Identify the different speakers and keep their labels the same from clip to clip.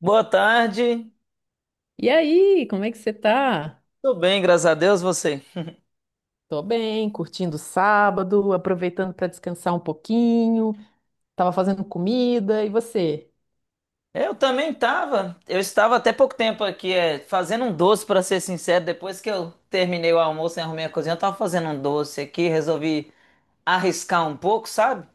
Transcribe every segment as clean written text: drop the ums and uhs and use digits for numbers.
Speaker 1: Boa tarde.
Speaker 2: E aí, como é que você tá?
Speaker 1: Tudo bem, graças a Deus, você.
Speaker 2: Tô bem, curtindo o sábado, aproveitando para descansar um pouquinho. Tava fazendo comida, e você?
Speaker 1: Eu também estava. Eu estava até pouco tempo aqui, fazendo um doce, para ser sincero. Depois que eu terminei o almoço e arrumei a cozinha, eu tava fazendo um doce aqui, resolvi arriscar um pouco, sabe?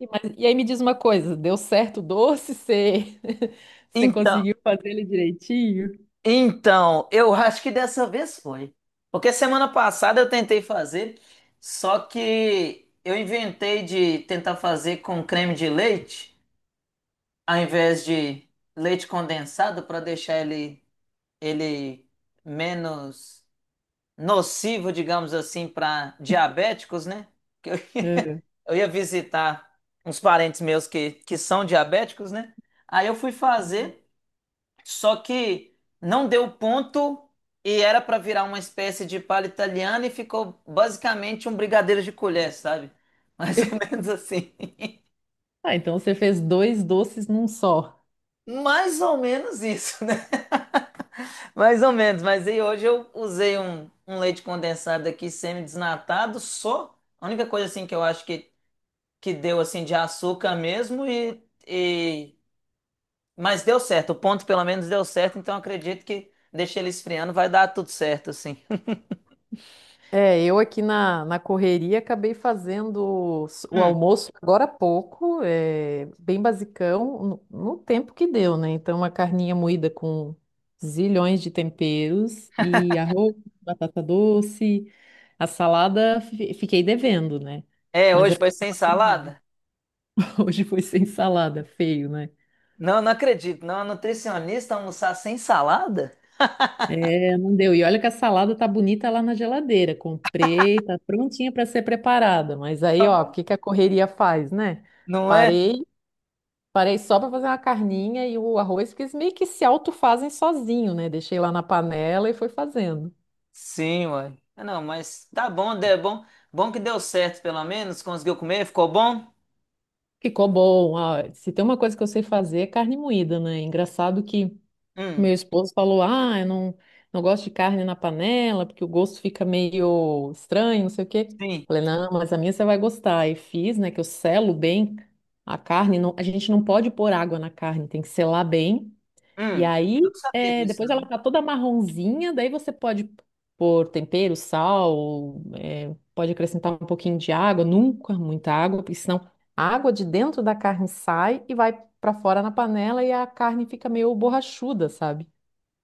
Speaker 2: E aí me diz uma coisa, deu certo o doce? Você, você
Speaker 1: Então,
Speaker 2: conseguiu fazer ele direitinho?
Speaker 1: então, eu acho que dessa vez foi. Porque semana passada eu tentei fazer, só que eu inventei de tentar fazer com creme de leite, ao invés de leite condensado, para deixar ele menos nocivo, digamos assim, para diabéticos, né? Que eu,
Speaker 2: É.
Speaker 1: eu ia visitar uns parentes meus que são diabéticos, né? Aí eu fui fazer, só que não deu ponto e era para virar uma espécie de palha italiana e ficou basicamente um brigadeiro de colher, sabe? Mais ou menos assim.
Speaker 2: Ah, então você fez dois doces num só.
Speaker 1: Mais ou menos isso, né? Mais ou menos, mas aí hoje eu usei um leite condensado aqui semi-desnatado, só. A única coisa assim que eu acho que deu assim de açúcar mesmo e- mas deu certo. O ponto pelo menos deu certo, então eu acredito que deixei ele esfriando, vai dar tudo certo assim.
Speaker 2: É, eu aqui na correria acabei fazendo o
Speaker 1: Hum.
Speaker 2: almoço agora há pouco, é, bem basicão, no tempo que deu, né? Então, uma carninha moída com zilhões de temperos e arroz, batata doce, a salada fiquei devendo, né?
Speaker 1: É,
Speaker 2: Mas é
Speaker 1: hoje foi
Speaker 2: porque eu
Speaker 1: sem
Speaker 2: tava corrida.
Speaker 1: salada?
Speaker 2: Hoje foi sem salada, feio, né?
Speaker 1: Não, não acredito. Não, a nutricionista almoçar sem salada?
Speaker 2: É, não deu. E olha que a salada tá bonita lá na geladeira. Comprei, tá prontinha para ser preparada. Mas aí, ó, o que que a correria faz, né?
Speaker 1: Não é?
Speaker 2: Parei, parei só para fazer uma carninha e o arroz, porque eles meio que se autofazem sozinho, né? Deixei lá na panela e fui fazendo.
Speaker 1: Sim, uai. Ah, não, mas tá bom, é bom. Bom que deu certo, pelo menos. Conseguiu comer? Ficou bom?
Speaker 2: Ficou bom. Ah, se tem uma coisa que eu sei fazer é carne moída, né? Engraçado que
Speaker 1: Hum,
Speaker 2: meu esposo falou: Ah, eu não, não gosto de carne na panela, porque o gosto fica meio estranho, não sei o quê.
Speaker 1: sim.
Speaker 2: Falei: Não, mas a minha você vai gostar. E fiz, né, que eu selo bem a carne. Não, a gente não pode pôr água na carne, tem que selar bem. E
Speaker 1: Hum.
Speaker 2: aí,
Speaker 1: Eu não sabia
Speaker 2: é,
Speaker 1: disso,
Speaker 2: depois ela
Speaker 1: não.
Speaker 2: tá toda marronzinha, daí você pode pôr tempero, sal, é, pode acrescentar um pouquinho de água, nunca muita água, porque senão a água de dentro da carne sai e vai para fora na panela e a carne fica meio borrachuda, sabe?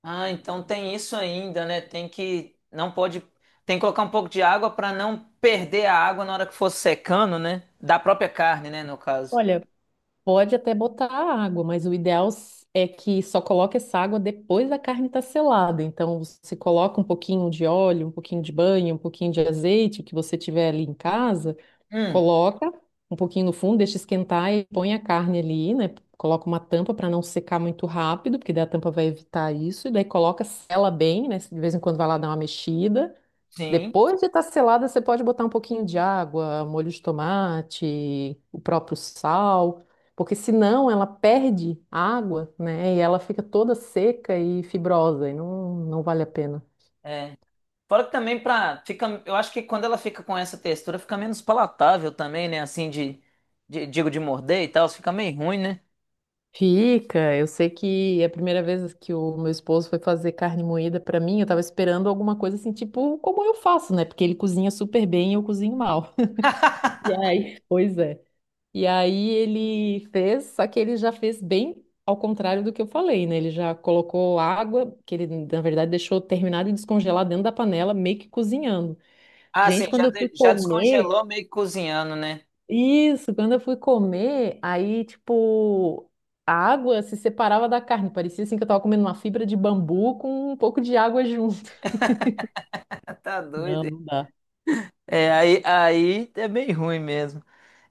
Speaker 1: Ah, então tem isso ainda, né? Tem que. Não pode. Tem que colocar um pouco de água para não perder a água na hora que for secando, né? Da própria carne, né? No caso.
Speaker 2: Olha, pode até botar água, mas o ideal é que só coloque essa água depois da carne estar selada. Então, você coloca um pouquinho de óleo, um pouquinho de banha, um pouquinho de azeite, o que você tiver ali em casa,
Speaker 1: Hum,
Speaker 2: coloca um pouquinho no fundo, deixa esquentar e põe a carne ali, né? Coloca uma tampa para não secar muito rápido, porque daí a tampa vai evitar isso. E daí coloca, sela bem, né? De vez em quando vai lá dar uma mexida.
Speaker 1: sim.
Speaker 2: Depois de estar selada, você pode botar um pouquinho de água, molho de tomate, o próprio sal, porque senão ela perde água, né? E ela fica toda seca e fibrosa, e não vale a pena.
Speaker 1: É. Fora que também pra. Fica, eu acho que quando ela fica com essa textura, fica menos palatável também, né? Assim, digo, de morder e tal. Fica meio ruim, né?
Speaker 2: Fica, eu sei que é a primeira vez que o meu esposo foi fazer carne moída pra mim, eu tava esperando alguma coisa assim, tipo como eu faço, né? Porque ele cozinha super bem e eu cozinho mal. E aí, pois é. E aí ele fez, só que ele já fez bem ao contrário do que eu falei, né? Ele já colocou água, que ele na verdade deixou terminado de descongelar dentro da panela, meio que cozinhando.
Speaker 1: Ah, sim,
Speaker 2: Gente, quando
Speaker 1: já,
Speaker 2: eu fui
Speaker 1: já
Speaker 2: comer,
Speaker 1: descongelou meio que cozinhando, né?
Speaker 2: isso, quando eu fui comer, aí tipo a água se separava da carne, parecia assim que eu tava comendo uma fibra de bambu com um pouco de água junto.
Speaker 1: Ah, tá
Speaker 2: Não,
Speaker 1: doido.
Speaker 2: não dá.
Speaker 1: É, aí é bem ruim mesmo.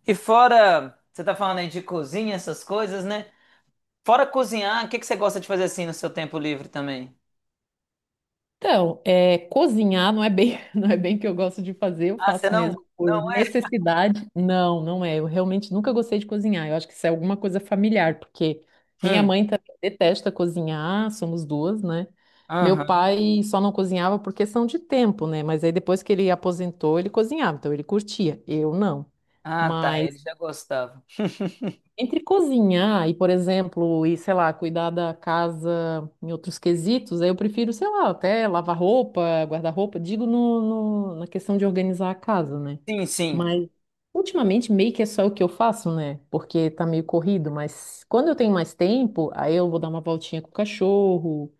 Speaker 1: E fora, você tá falando aí de cozinha, essas coisas, né? Fora cozinhar, o que que você gosta de fazer assim no seu tempo livre também?
Speaker 2: Então, é, cozinhar não é bem, não é bem que eu gosto de fazer, eu
Speaker 1: Ah, você
Speaker 2: faço
Speaker 1: não?
Speaker 2: mesmo por
Speaker 1: Não é?
Speaker 2: necessidade. Eu realmente nunca gostei de cozinhar. Eu acho que isso é alguma coisa familiar, porque minha
Speaker 1: Hum,
Speaker 2: mãe também detesta cozinhar, somos duas, né? Meu
Speaker 1: aham.
Speaker 2: pai só não cozinhava por questão de tempo, né? Mas aí depois que ele aposentou, ele cozinhava, então ele curtia. Eu não.
Speaker 1: Ah, tá, ele
Speaker 2: Mas
Speaker 1: já gostava.
Speaker 2: entre cozinhar e, por exemplo, e sei lá, cuidar da casa em outros quesitos, aí eu prefiro, sei lá, até lavar roupa, guardar-roupa, digo na questão de organizar a casa, né?
Speaker 1: Sim, sim.
Speaker 2: Mas ultimamente meio que é só o que eu faço, né? Porque tá meio corrido, mas quando eu tenho mais tempo, aí eu vou dar uma voltinha com o cachorro.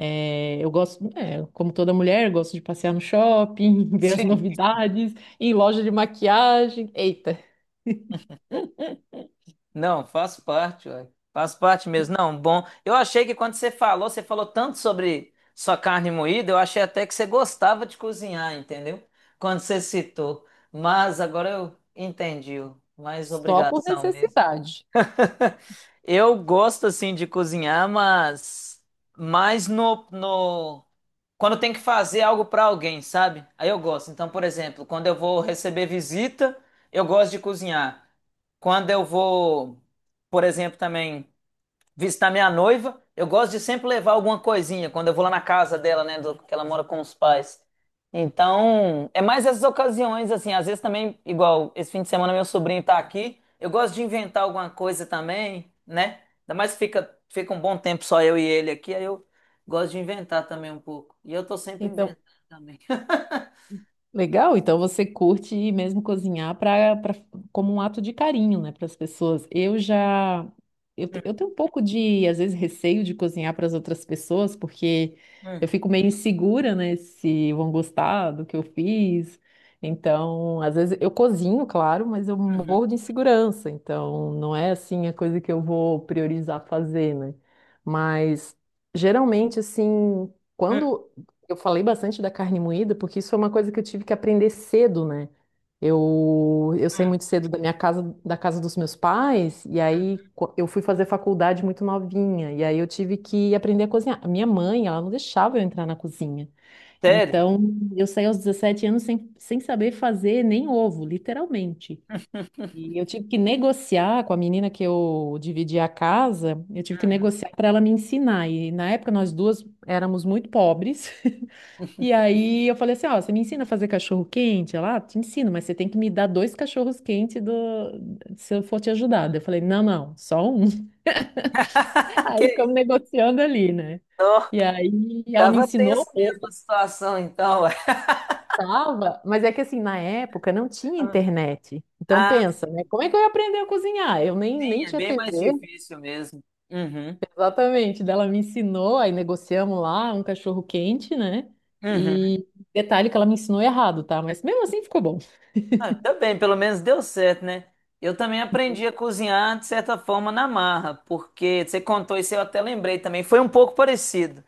Speaker 2: É, eu gosto, é, como toda mulher, eu gosto de passear no shopping, ver as novidades, ir em loja de maquiagem. Eita,
Speaker 1: Não, faço parte, ué. Faço parte mesmo. Não, bom. Eu achei que quando você falou tanto sobre sua carne moída, eu achei até que você gostava de cozinhar, entendeu? Quando você citou. Mas agora eu entendi, ué. Mais
Speaker 2: só por
Speaker 1: obrigação mesmo.
Speaker 2: necessidade.
Speaker 1: Eu gosto assim de cozinhar, mas mais no, no... quando tem que fazer algo para alguém, sabe? Aí eu gosto. Então, por exemplo, quando eu vou receber visita, eu gosto de cozinhar. Quando eu vou, por exemplo, também visitar minha noiva. Eu gosto de sempre levar alguma coisinha quando eu vou lá na casa dela, né? Que ela mora com os pais. Então, é mais essas ocasiões, assim. Às vezes também, igual esse fim de semana, meu sobrinho tá aqui. Eu gosto de inventar alguma coisa também, né? Ainda mais que fica um bom tempo só eu e ele aqui. Aí eu gosto de inventar também um pouco. E eu tô sempre
Speaker 2: Então
Speaker 1: inventando também.
Speaker 2: legal, então você curte mesmo cozinhar para como um ato de carinho, né, para as pessoas. Eu já eu, te- Eu tenho um pouco de às vezes receio de cozinhar para as outras pessoas, porque
Speaker 1: Hum,
Speaker 2: eu fico meio insegura, né, se vão gostar do que eu fiz. Então, às vezes eu cozinho, claro, mas eu
Speaker 1: uhum,
Speaker 2: morro de insegurança, então não é assim a coisa que eu vou priorizar fazer, né? Mas geralmente assim,
Speaker 1: hum,
Speaker 2: quando eu falei bastante da carne moída porque isso foi uma coisa que eu tive que aprender cedo, né? Eu saí
Speaker 1: hum,
Speaker 2: muito cedo da minha casa, da casa dos meus pais, e
Speaker 1: hum.
Speaker 2: aí eu fui fazer faculdade muito novinha, e aí eu tive que aprender a cozinhar. A minha mãe, ela não deixava eu entrar na cozinha.
Speaker 1: Sério?
Speaker 2: Então, eu saí aos 17 anos sem saber fazer nem ovo, literalmente. E eu tive que negociar com a menina que eu dividi a casa, eu tive que
Speaker 1: Uhum.
Speaker 2: negociar para ela me ensinar. E na época nós duas éramos muito pobres. E aí eu falei assim, ó, você me ensina a fazer cachorro quente? Ela, ah, te ensino, mas você tem que me dar dois cachorros quentes do... se eu for te ajudar. Daí eu falei, não, não, só um.
Speaker 1: Que
Speaker 2: Aí ficamos
Speaker 1: isso?
Speaker 2: negociando ali, né?
Speaker 1: Ó,
Speaker 2: E aí ela me
Speaker 1: tava tenso
Speaker 2: ensinou
Speaker 1: mesmo
Speaker 2: o
Speaker 1: a situação, então.
Speaker 2: tava, mas é que assim, na época não tinha
Speaker 1: Ué.
Speaker 2: internet. Então
Speaker 1: Ah,
Speaker 2: pensa, né?
Speaker 1: sim,
Speaker 2: Como é que eu ia aprender a cozinhar? Eu nem,
Speaker 1: sim,
Speaker 2: nem
Speaker 1: é
Speaker 2: tinha
Speaker 1: bem mais
Speaker 2: TV,
Speaker 1: difícil mesmo. Uhum,
Speaker 2: exatamente. Daí ela me ensinou, aí negociamos lá um cachorro quente, né?
Speaker 1: uhum.
Speaker 2: E detalhe que ela me ensinou errado, tá? Mas mesmo assim ficou bom.
Speaker 1: Ah, ainda bem, pelo menos deu certo, né? Eu também aprendi a cozinhar, de certa forma, na marra, porque você contou isso, eu até lembrei também. Foi um pouco parecido.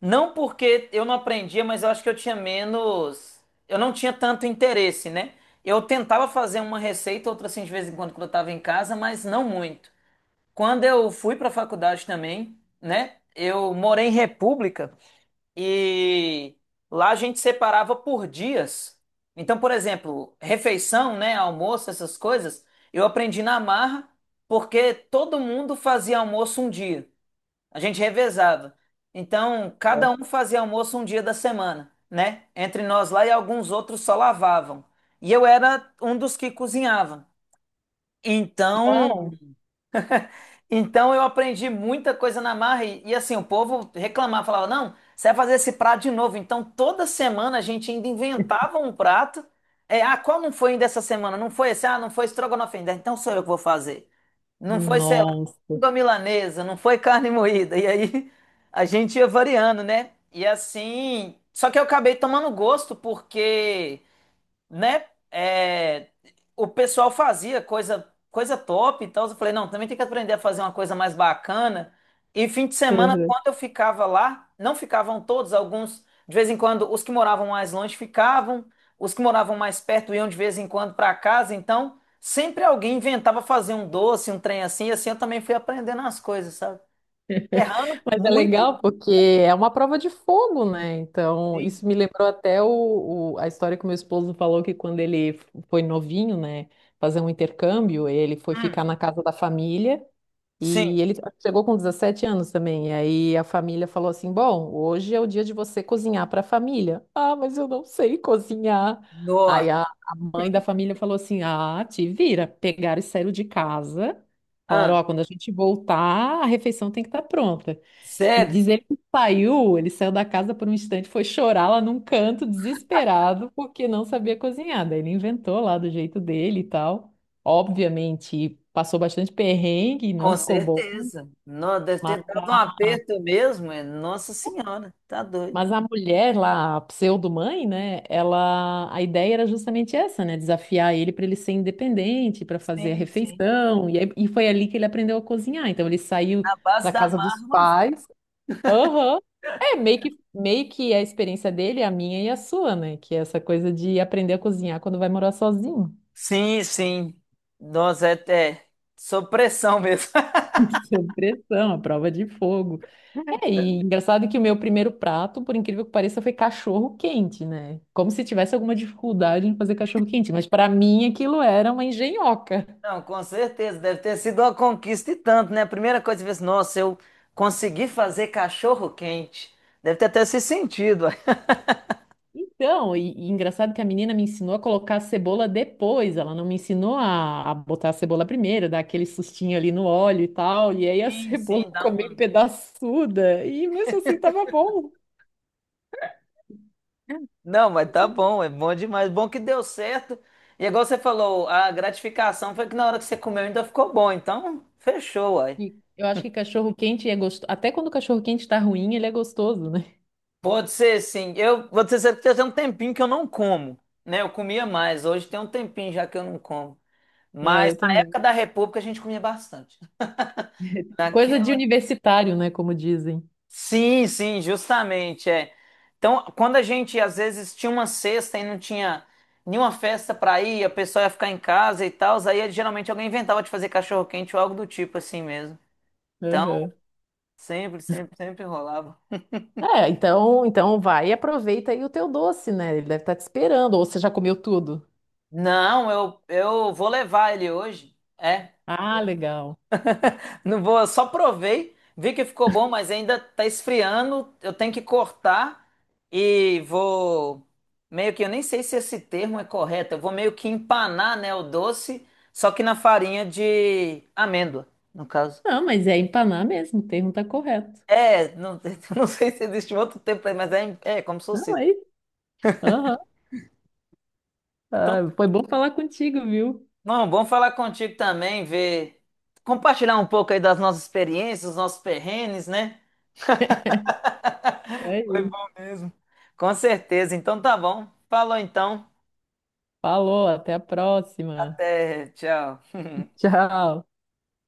Speaker 1: Não porque eu não aprendia, mas eu acho que eu tinha menos. Eu não tinha tanto interesse, né? Eu tentava fazer uma receita, outra assim, de vez em quando, quando eu estava em casa, mas não muito. Quando eu fui para a faculdade também, né? Eu morei em República. E lá a gente separava por dias. Então, por exemplo, refeição, né, almoço, essas coisas, eu aprendi na marra porque todo mundo fazia almoço um dia. A gente revezava. Então, cada um fazia almoço um dia da semana, né? Entre nós lá e alguns outros só lavavam. E eu era um dos que cozinhava. Então,
Speaker 2: Uau!
Speaker 1: então, eu aprendi muita coisa na marra assim, o povo reclamava, falava, não, você vai fazer esse prato de novo. Então toda semana a gente ainda inventava um prato. É, ah, qual não foi ainda essa semana? Não foi esse? Ah, não foi estrogonofe ainda. Então sou eu que vou fazer. Não foi, sei lá,
Speaker 2: Nossa!
Speaker 1: língua milanesa, não foi carne moída. E aí a gente ia variando, né? E assim, só que eu acabei tomando gosto porque né? é, o pessoal fazia coisa top e tal. Eu falei, não, também tem que aprender a fazer uma coisa mais bacana. E fim de semana,
Speaker 2: Uhum.
Speaker 1: quando eu ficava lá, não ficavam todos, alguns, de vez em quando, os que moravam mais longe ficavam, os que moravam mais perto iam de vez em quando para casa. Então, sempre alguém inventava fazer um doce, um trem assim, e assim eu também fui aprendendo as coisas, sabe? Errando
Speaker 2: Mas é
Speaker 1: muito.
Speaker 2: legal porque é uma prova de fogo, né? Então,
Speaker 1: Sim.
Speaker 2: isso me lembrou até a história que o meu esposo falou que quando ele foi novinho, né, fazer um intercâmbio, ele foi
Speaker 1: Hum,
Speaker 2: ficar na casa da família.
Speaker 1: sim.
Speaker 2: E ele chegou com 17 anos também. E aí a família falou assim: Bom, hoje é o dia de você cozinhar para a família. Ah, mas eu não sei cozinhar.
Speaker 1: Nossa.
Speaker 2: Aí a mãe da família falou assim: Ah, te vira. Pegaram e saíram de casa. Falaram:
Speaker 1: Ah,
Speaker 2: Ó, quando a gente voltar, a refeição tem que estar pronta. E
Speaker 1: sério?
Speaker 2: dizer que saiu, ele saiu da casa por um instante, foi chorar lá num canto, desesperado, porque não sabia cozinhar. Daí ele inventou lá do jeito dele e tal. Obviamente, passou bastante perrengue, e não
Speaker 1: Com
Speaker 2: ficou bom.
Speaker 1: certeza. Não, deve
Speaker 2: Mas
Speaker 1: ter dado um
Speaker 2: a,
Speaker 1: aperto mesmo. É. Nossa Senhora, tá doido.
Speaker 2: mas a mulher lá, a pseudo-mãe, né? Ela, a ideia era justamente essa, né? Desafiar ele para ele ser independente, para fazer a
Speaker 1: Sim, sim.
Speaker 2: refeição. E foi ali que ele aprendeu a cozinhar. Então ele saiu
Speaker 1: Na base
Speaker 2: da
Speaker 1: da
Speaker 2: casa dos
Speaker 1: marra.
Speaker 2: pais. Aham. É, meio que a experiência dele, a minha e a sua, né? Que é essa coisa de aprender a cozinhar quando vai morar sozinho.
Speaker 1: Sim, sim. Nossa, é até sob pressão mesmo.
Speaker 2: Sob pressão, a prova de fogo. É, e engraçado que o meu primeiro prato, por incrível que pareça, foi cachorro quente, né? Como se tivesse alguma dificuldade em fazer cachorro quente, mas para mim aquilo era uma engenhoca.
Speaker 1: Não, com certeza. Deve ter sido uma conquista e tanto, né? A primeira coisa que você fez, nossa, eu consegui fazer cachorro quente. Deve ter até se sentido. Ué.
Speaker 2: Então, e engraçado que a menina me ensinou a colocar a cebola depois, ela não me ensinou a botar a cebola primeiro, dar aquele sustinho ali no óleo e tal, e aí a
Speaker 1: Sim,
Speaker 2: cebola
Speaker 1: sim,
Speaker 2: ficou
Speaker 1: dá
Speaker 2: meio
Speaker 1: uma.
Speaker 2: pedaçuda, e mesmo assim tava bom.
Speaker 1: Não, mas
Speaker 2: Não
Speaker 1: tá
Speaker 2: sei.
Speaker 1: bom, é bom demais. Bom que deu certo. E igual você falou, a gratificação foi que na hora que você comeu ainda ficou bom. Então, fechou, uai.
Speaker 2: Eu acho que cachorro quente é gostoso, até quando o cachorro quente tá ruim, ele é gostoso, né?
Speaker 1: Pode ser, sim. Eu vou dizer que tem um tempinho que eu não como, né? Eu comia mais. Hoje tem um tempinho já que eu não como.
Speaker 2: Ah,
Speaker 1: Mas
Speaker 2: eu
Speaker 1: na
Speaker 2: também.
Speaker 1: época da República a gente comia bastante.
Speaker 2: Coisa de
Speaker 1: Naquela
Speaker 2: universitário, né, como dizem.
Speaker 1: sim, sim, justamente, é. Então, quando a gente às vezes tinha uma sexta e não tinha nenhuma festa pra ir, a pessoa ia ficar em casa e tal, aí geralmente alguém inventava de fazer cachorro-quente ou algo do tipo assim mesmo. Então,
Speaker 2: Aham.
Speaker 1: sempre, sempre, sempre rolava.
Speaker 2: É, então, então vai e aproveita aí o teu doce, né? Ele deve estar te esperando, ou você já comeu tudo?
Speaker 1: Não, eu vou levar ele hoje. É.
Speaker 2: Ah, legal.
Speaker 1: Não vou, eu só provei, vi que ficou bom, mas ainda tá esfriando. Eu tenho que cortar e vou meio que eu nem sei se esse termo é correto. Eu vou meio que empanar, né, o doce, só que na farinha de amêndoa, no caso.
Speaker 2: Não, mas é empanar mesmo, o termo tá correto.
Speaker 1: É, não, não sei se existe um outro tempo mas é como se fosse
Speaker 2: Não,
Speaker 1: isso.
Speaker 2: é isso. Aham.
Speaker 1: Então,
Speaker 2: Ah, foi bom falar contigo, viu?
Speaker 1: não, bom falar contigo também, ver, compartilhar um pouco aí das nossas experiências, os nossos perrengues, né?
Speaker 2: É
Speaker 1: Foi
Speaker 2: isso.
Speaker 1: bom mesmo. Com certeza. Então tá bom. Falou então.
Speaker 2: Falou, até a próxima.
Speaker 1: Até, tchau.
Speaker 2: Tchau.